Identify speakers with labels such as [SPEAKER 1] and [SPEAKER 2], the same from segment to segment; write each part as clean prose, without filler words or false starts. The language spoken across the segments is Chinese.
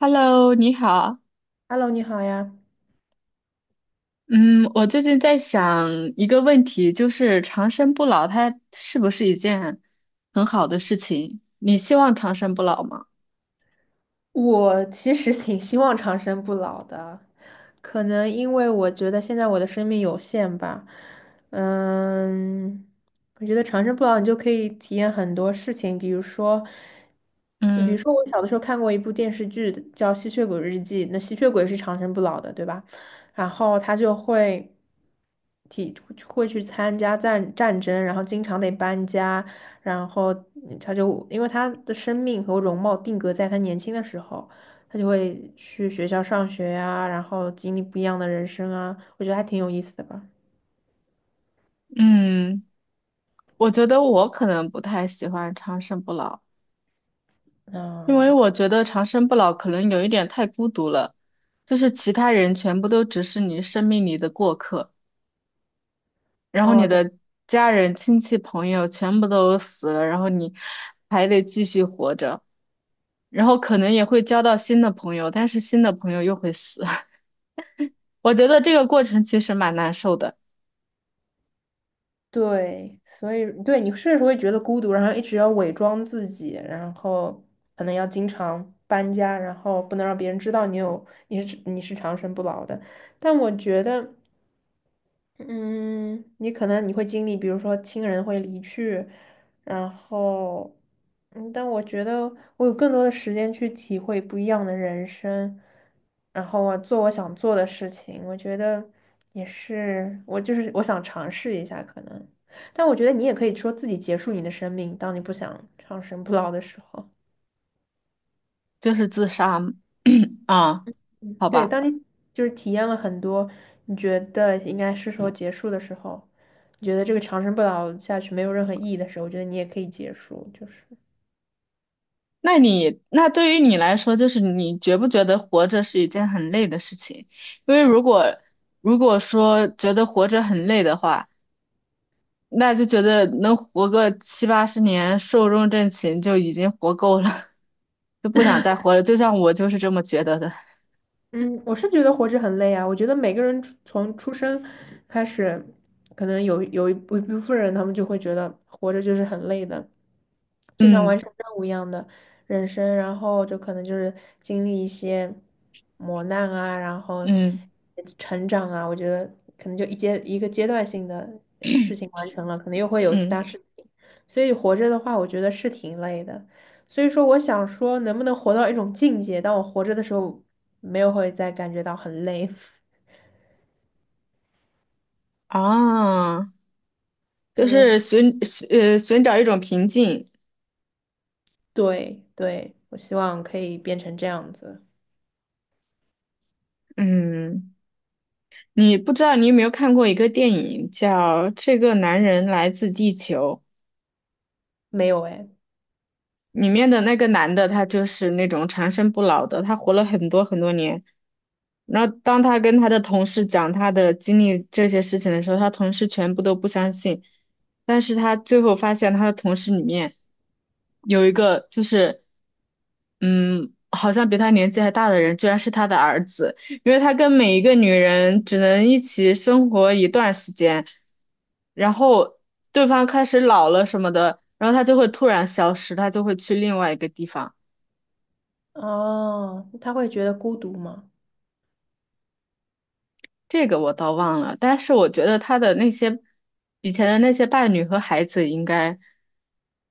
[SPEAKER 1] Hello，你好。
[SPEAKER 2] Hello，你好呀。
[SPEAKER 1] 嗯，我最近在想一个问题，就是长生不老，它是不是一件很好的事情？你希望长生不老吗？
[SPEAKER 2] 我其实 挺希望长生不老的，可能因为我觉得现在我的生命有限吧。嗯，我觉得长生不老，你就可以体验很多事情，比如说，比如
[SPEAKER 1] 嗯
[SPEAKER 2] 说我小的时候看过一部电视剧叫《吸血鬼日记》，那吸血鬼是长生不老的，对吧？然后他就会去参加战争，然后经常得搬家，然后他就因为他的生命和容貌定格在他年轻的时候，他就会去学校上学呀、然后经历不一样的人生啊，我觉得还挺有意思的吧。
[SPEAKER 1] 嗯，我觉得我可能不太喜欢长生不老，因为
[SPEAKER 2] 嗯。
[SPEAKER 1] 我觉得长生不老可能有一点太孤独了，就是其他人全部都只是你生命里的过客。然后
[SPEAKER 2] 哦，
[SPEAKER 1] 你
[SPEAKER 2] 对
[SPEAKER 1] 的家人、亲戚、朋友全部都死了，然后你还得继续活着。然后可能也会交到新的朋友，但是新的朋友又会死。我觉得这个过程其实蛮难受的，
[SPEAKER 2] 对。所以对你是会觉得孤独，然后一直要伪装自己，然后可能要经常搬家，然后不能让别人知道你是长生不老的，但我觉得。嗯，你可能会经历，比如说亲人会离去，然后，但我觉得我有更多的时间去体会不一样的人生，然后我做我想做的事情，我觉得也是，我就是我想尝试一下可能，但我觉得你也可以说自己结束你的生命，当你不想长生不老的时候。
[SPEAKER 1] 就是自杀嘛。 啊，好
[SPEAKER 2] 对，
[SPEAKER 1] 吧。
[SPEAKER 2] 当你就是体验了很多，你觉得应该是时候结束的时候，你觉得这个长生不老下去没有任何意义的时候，我觉得你也可以结束，就是。
[SPEAKER 1] 那你那对于你来说，就是你觉不觉得活着是一件很累的事情？因为如果说觉得活着很累的话，那就觉得能活个七八十年，寿终正寝就已经活够了，就不想再活了。就像我就是这么觉得的。
[SPEAKER 2] 嗯，我是觉得活着很累啊。我觉得每个人从出生开始，可能有一部分人，他们就会觉得活着就是很累的，就像
[SPEAKER 1] 嗯
[SPEAKER 2] 完成任务一样的人生，然后就可能就是经历一些磨难啊，然后
[SPEAKER 1] 嗯
[SPEAKER 2] 成长啊。我觉得可能就一个阶段性的事情完成了，可能又会有其
[SPEAKER 1] 嗯
[SPEAKER 2] 他事情，所以活着的话，我觉得是挺累的。所以说，我想说，能不能活到一种境界，当我活着的时候，没有会再感觉到很累，
[SPEAKER 1] 啊。就
[SPEAKER 2] 可能
[SPEAKER 1] 是
[SPEAKER 2] 是。
[SPEAKER 1] 寻找一种平静。
[SPEAKER 2] 对对，我希望可以变成这样子。
[SPEAKER 1] 嗯，你不知道你有没有看过一个电影叫《这个男人来自地球》，
[SPEAKER 2] 没有哎。
[SPEAKER 1] 里面的那个男的他就是那种长生不老的，他活了很多很多年，然后当他跟他的同事讲他的经历这些事情的时候，他同事全部都不相信。但是他最后发现他的同事里面有一个就是，嗯，好像比他年纪还大的人，居然是他的儿子，因为他跟每一个女人只能一起生活一段时间，然后对方开始老了什么的，然后他就会突然消失，他就会去另外一个地方。
[SPEAKER 2] 哦，他会觉得孤独吗？
[SPEAKER 1] 这个我倒忘了，但是我觉得他的那些以前的那些伴侣和孩子应该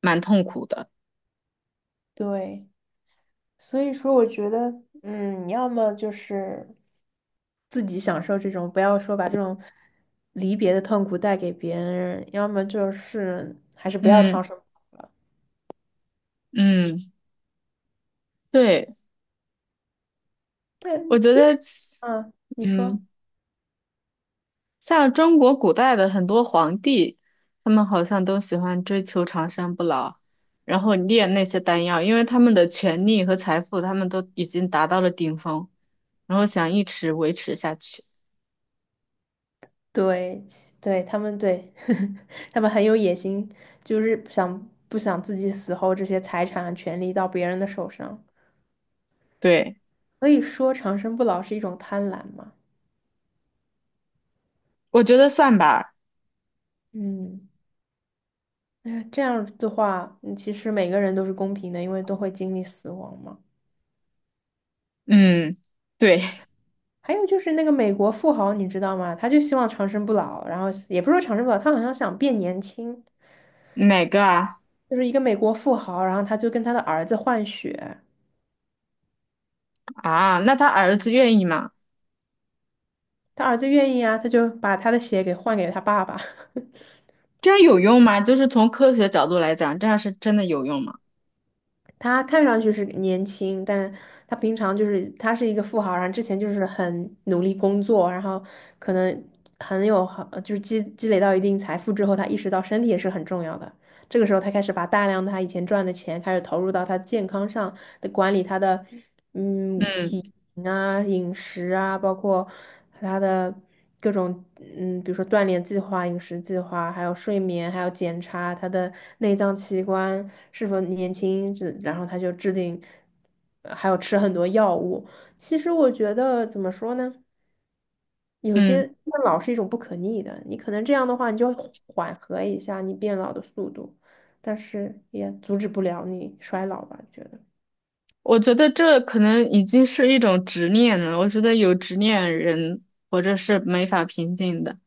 [SPEAKER 1] 蛮痛苦的。
[SPEAKER 2] 对，所以说我觉得，要么就是自己享受这种，不要说把这种离别的痛苦带给别人，要么就是还是不要长
[SPEAKER 1] 嗯
[SPEAKER 2] 生不老了。
[SPEAKER 1] 嗯，对，我
[SPEAKER 2] 但
[SPEAKER 1] 觉
[SPEAKER 2] 其实，
[SPEAKER 1] 得，
[SPEAKER 2] 啊，你说。
[SPEAKER 1] 嗯，像中国古代的很多皇帝，他们好像都喜欢追求长生不老，然后炼那些丹药，因为他们的权力和财富，他们都已经达到了顶峰，然后想一直维持下去。
[SPEAKER 2] 对，对，他们对，他们很有野心，就是想不想自己死后这些财产啊权利到别人的手上？
[SPEAKER 1] 对，
[SPEAKER 2] 可以说长生不老是一种贪婪嘛。
[SPEAKER 1] 我觉得算吧。
[SPEAKER 2] 嗯，那这样的话，其实每个人都是公平的，因为都会经历死亡嘛。
[SPEAKER 1] 嗯，对，
[SPEAKER 2] 还有就是那个美国富豪，你知道吗？他就希望长生不老，然后也不是说长生不老，他好像想变年轻，
[SPEAKER 1] 哪个啊？
[SPEAKER 2] 就是一个美国富豪，然后他就跟他的儿子换血，
[SPEAKER 1] 啊，那他儿子愿意吗？
[SPEAKER 2] 他儿子愿意啊，他就把他的血给换给他爸爸。
[SPEAKER 1] 这样有用吗？就是从科学角度来讲，这样是真的有用吗？
[SPEAKER 2] 他看上去是年轻，但是他平常就是他是一个富豪，然后之前就是很努力工作，然后可能很有好，就是积累到一定财富之后，他意识到身体也是很重要的。这个时候，他开始把大量他以前赚的钱开始投入到他的健康上，得管理他的
[SPEAKER 1] 嗯
[SPEAKER 2] 体型啊、饮食啊，包括他的各种比如说锻炼计划、饮食计划，还有睡眠，还有检查他的内脏器官是否年轻，这然后他就制定，还有吃很多药物。其实我觉得怎么说呢？有
[SPEAKER 1] 嗯，
[SPEAKER 2] 些变老是一种不可逆的，你可能这样的话，你就会缓和一下你变老的速度，但是也阻止不了你衰老吧，觉得。
[SPEAKER 1] 我觉得这可能已经是一种执念了。我觉得有执念人活着是没法平静的。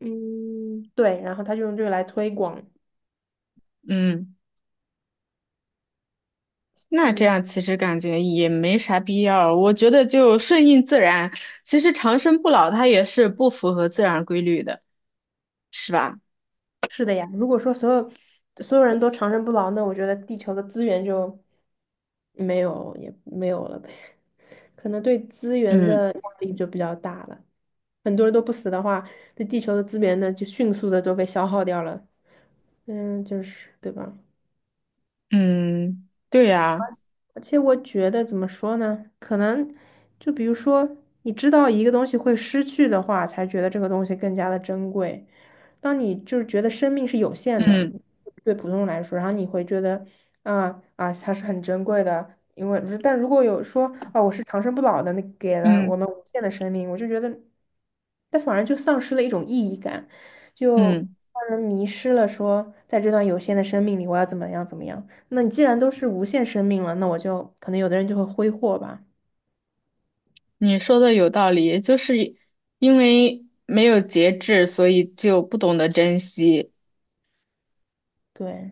[SPEAKER 2] 嗯，对，然后他就用这个来推广。
[SPEAKER 1] 嗯，那这
[SPEAKER 2] 嗯，
[SPEAKER 1] 样其实感觉也没啥必要。我觉得就顺应自然。其实长生不老它也是不符合自然规律的，是吧？
[SPEAKER 2] 是的呀。如果说所有人都长生不老，那我觉得地球的资源就没有，也没有了呗，可能对资源
[SPEAKER 1] 嗯
[SPEAKER 2] 的压力就比较大了。很多人都不死的话，这地球的资源呢就迅速的都被消耗掉了。嗯，就是对吧？
[SPEAKER 1] 嗯，对呀，
[SPEAKER 2] 而且我觉得怎么说呢？可能就比如说，你知道一个东西会失去的话，才觉得这个东西更加的珍贵。当你就是觉得生命是有限的，
[SPEAKER 1] 嗯
[SPEAKER 2] 对普通人来说，然后你会觉得，啊啊，它是很珍贵的。因为，但如果有说，哦，我是长生不老的，那给了我
[SPEAKER 1] 嗯
[SPEAKER 2] 们无限的生命，我就觉得，但反而就丧失了一种意义感，就
[SPEAKER 1] 嗯。
[SPEAKER 2] 让人迷失了说，在这段有限的生命里，我要怎么样怎么样。那你既然都是无限生命了，那我就可能有的人就会挥霍吧。
[SPEAKER 1] 你说的有道理，就是因为没有节制，所以就不懂得珍惜。
[SPEAKER 2] 对，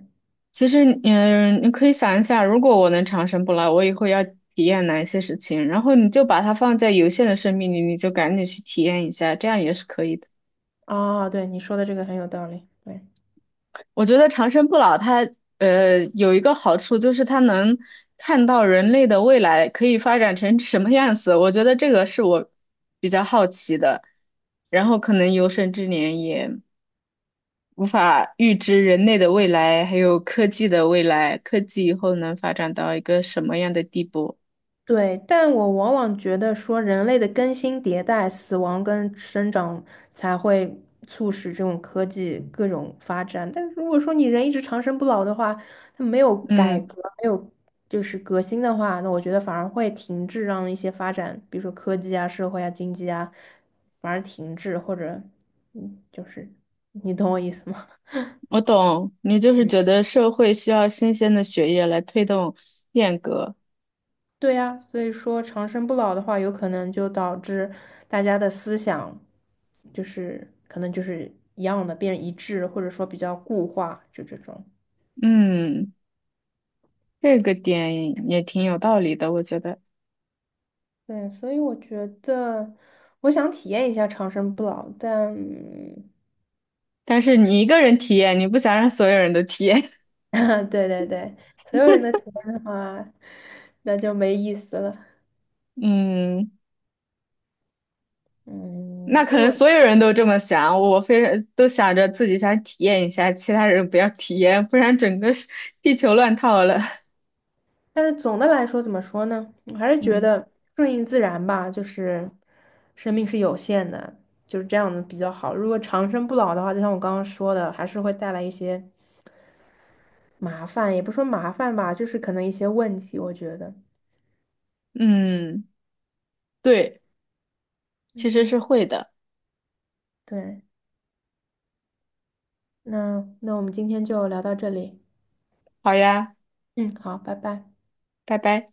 [SPEAKER 1] 其实，嗯，你可以想一下，如果我能长生不老，我以后要体验哪些事情，然后你就把它放在有限的生命里，你就赶紧去体验一下，这样也是可以的。
[SPEAKER 2] 啊，对，你说的这个很有道理。对。
[SPEAKER 1] 我觉得长生不老它，有一个好处就是它能看到人类的未来可以发展成什么样子，我觉得这个是我比较好奇的，然后可能有生之年也无法预知人类的未来，还有科技的未来，科技以后能发展到一个什么样的地步？
[SPEAKER 2] 对，但我往往觉得说，人类的更新迭代、死亡跟生长才会促使这种科技各种发展。但如果说你人一直长生不老的话，那没有改
[SPEAKER 1] 嗯，
[SPEAKER 2] 革，没有就是革新的话，那我觉得反而会停滞，让一些发展，比如说科技啊、社会啊、经济啊，反而停滞，或者就是你懂我意思吗？
[SPEAKER 1] 我懂，你就是觉得社会需要新鲜的血液来推动变革。
[SPEAKER 2] 对呀，所以说长生不老的话，有可能就导致大家的思想就是可能就是一样的，变一致，或者说比较固化，就这种。
[SPEAKER 1] 嗯，这个点也挺有道理的，我觉得。
[SPEAKER 2] 对，所以我觉得我想体验一下长生不老，但
[SPEAKER 1] 但是你一个人体验，你不想让所有人都体验。
[SPEAKER 2] 对对对，所有人的体验的话，那就没意思了。
[SPEAKER 1] 嗯，
[SPEAKER 2] 嗯，
[SPEAKER 1] 那
[SPEAKER 2] 所
[SPEAKER 1] 可
[SPEAKER 2] 以我
[SPEAKER 1] 能所有人都这么想，我非常都想着自己想体验一下，其他人不要体验，不然整个是地球乱套了。
[SPEAKER 2] 但是总的来说，怎么说呢？我还是 觉
[SPEAKER 1] 嗯。
[SPEAKER 2] 得顺应自然吧，就是生命是有限的，就是这样的比较好。如果长生不老的话，就像我刚刚说的，还是会带来一些麻烦，也不说麻烦吧，就是可能一些问题，我觉得。
[SPEAKER 1] 嗯，对，其实是
[SPEAKER 2] 嗯，
[SPEAKER 1] 会的。
[SPEAKER 2] 对。那我们今天就聊到这里。
[SPEAKER 1] 好呀，
[SPEAKER 2] 嗯，好，拜拜。
[SPEAKER 1] 拜拜。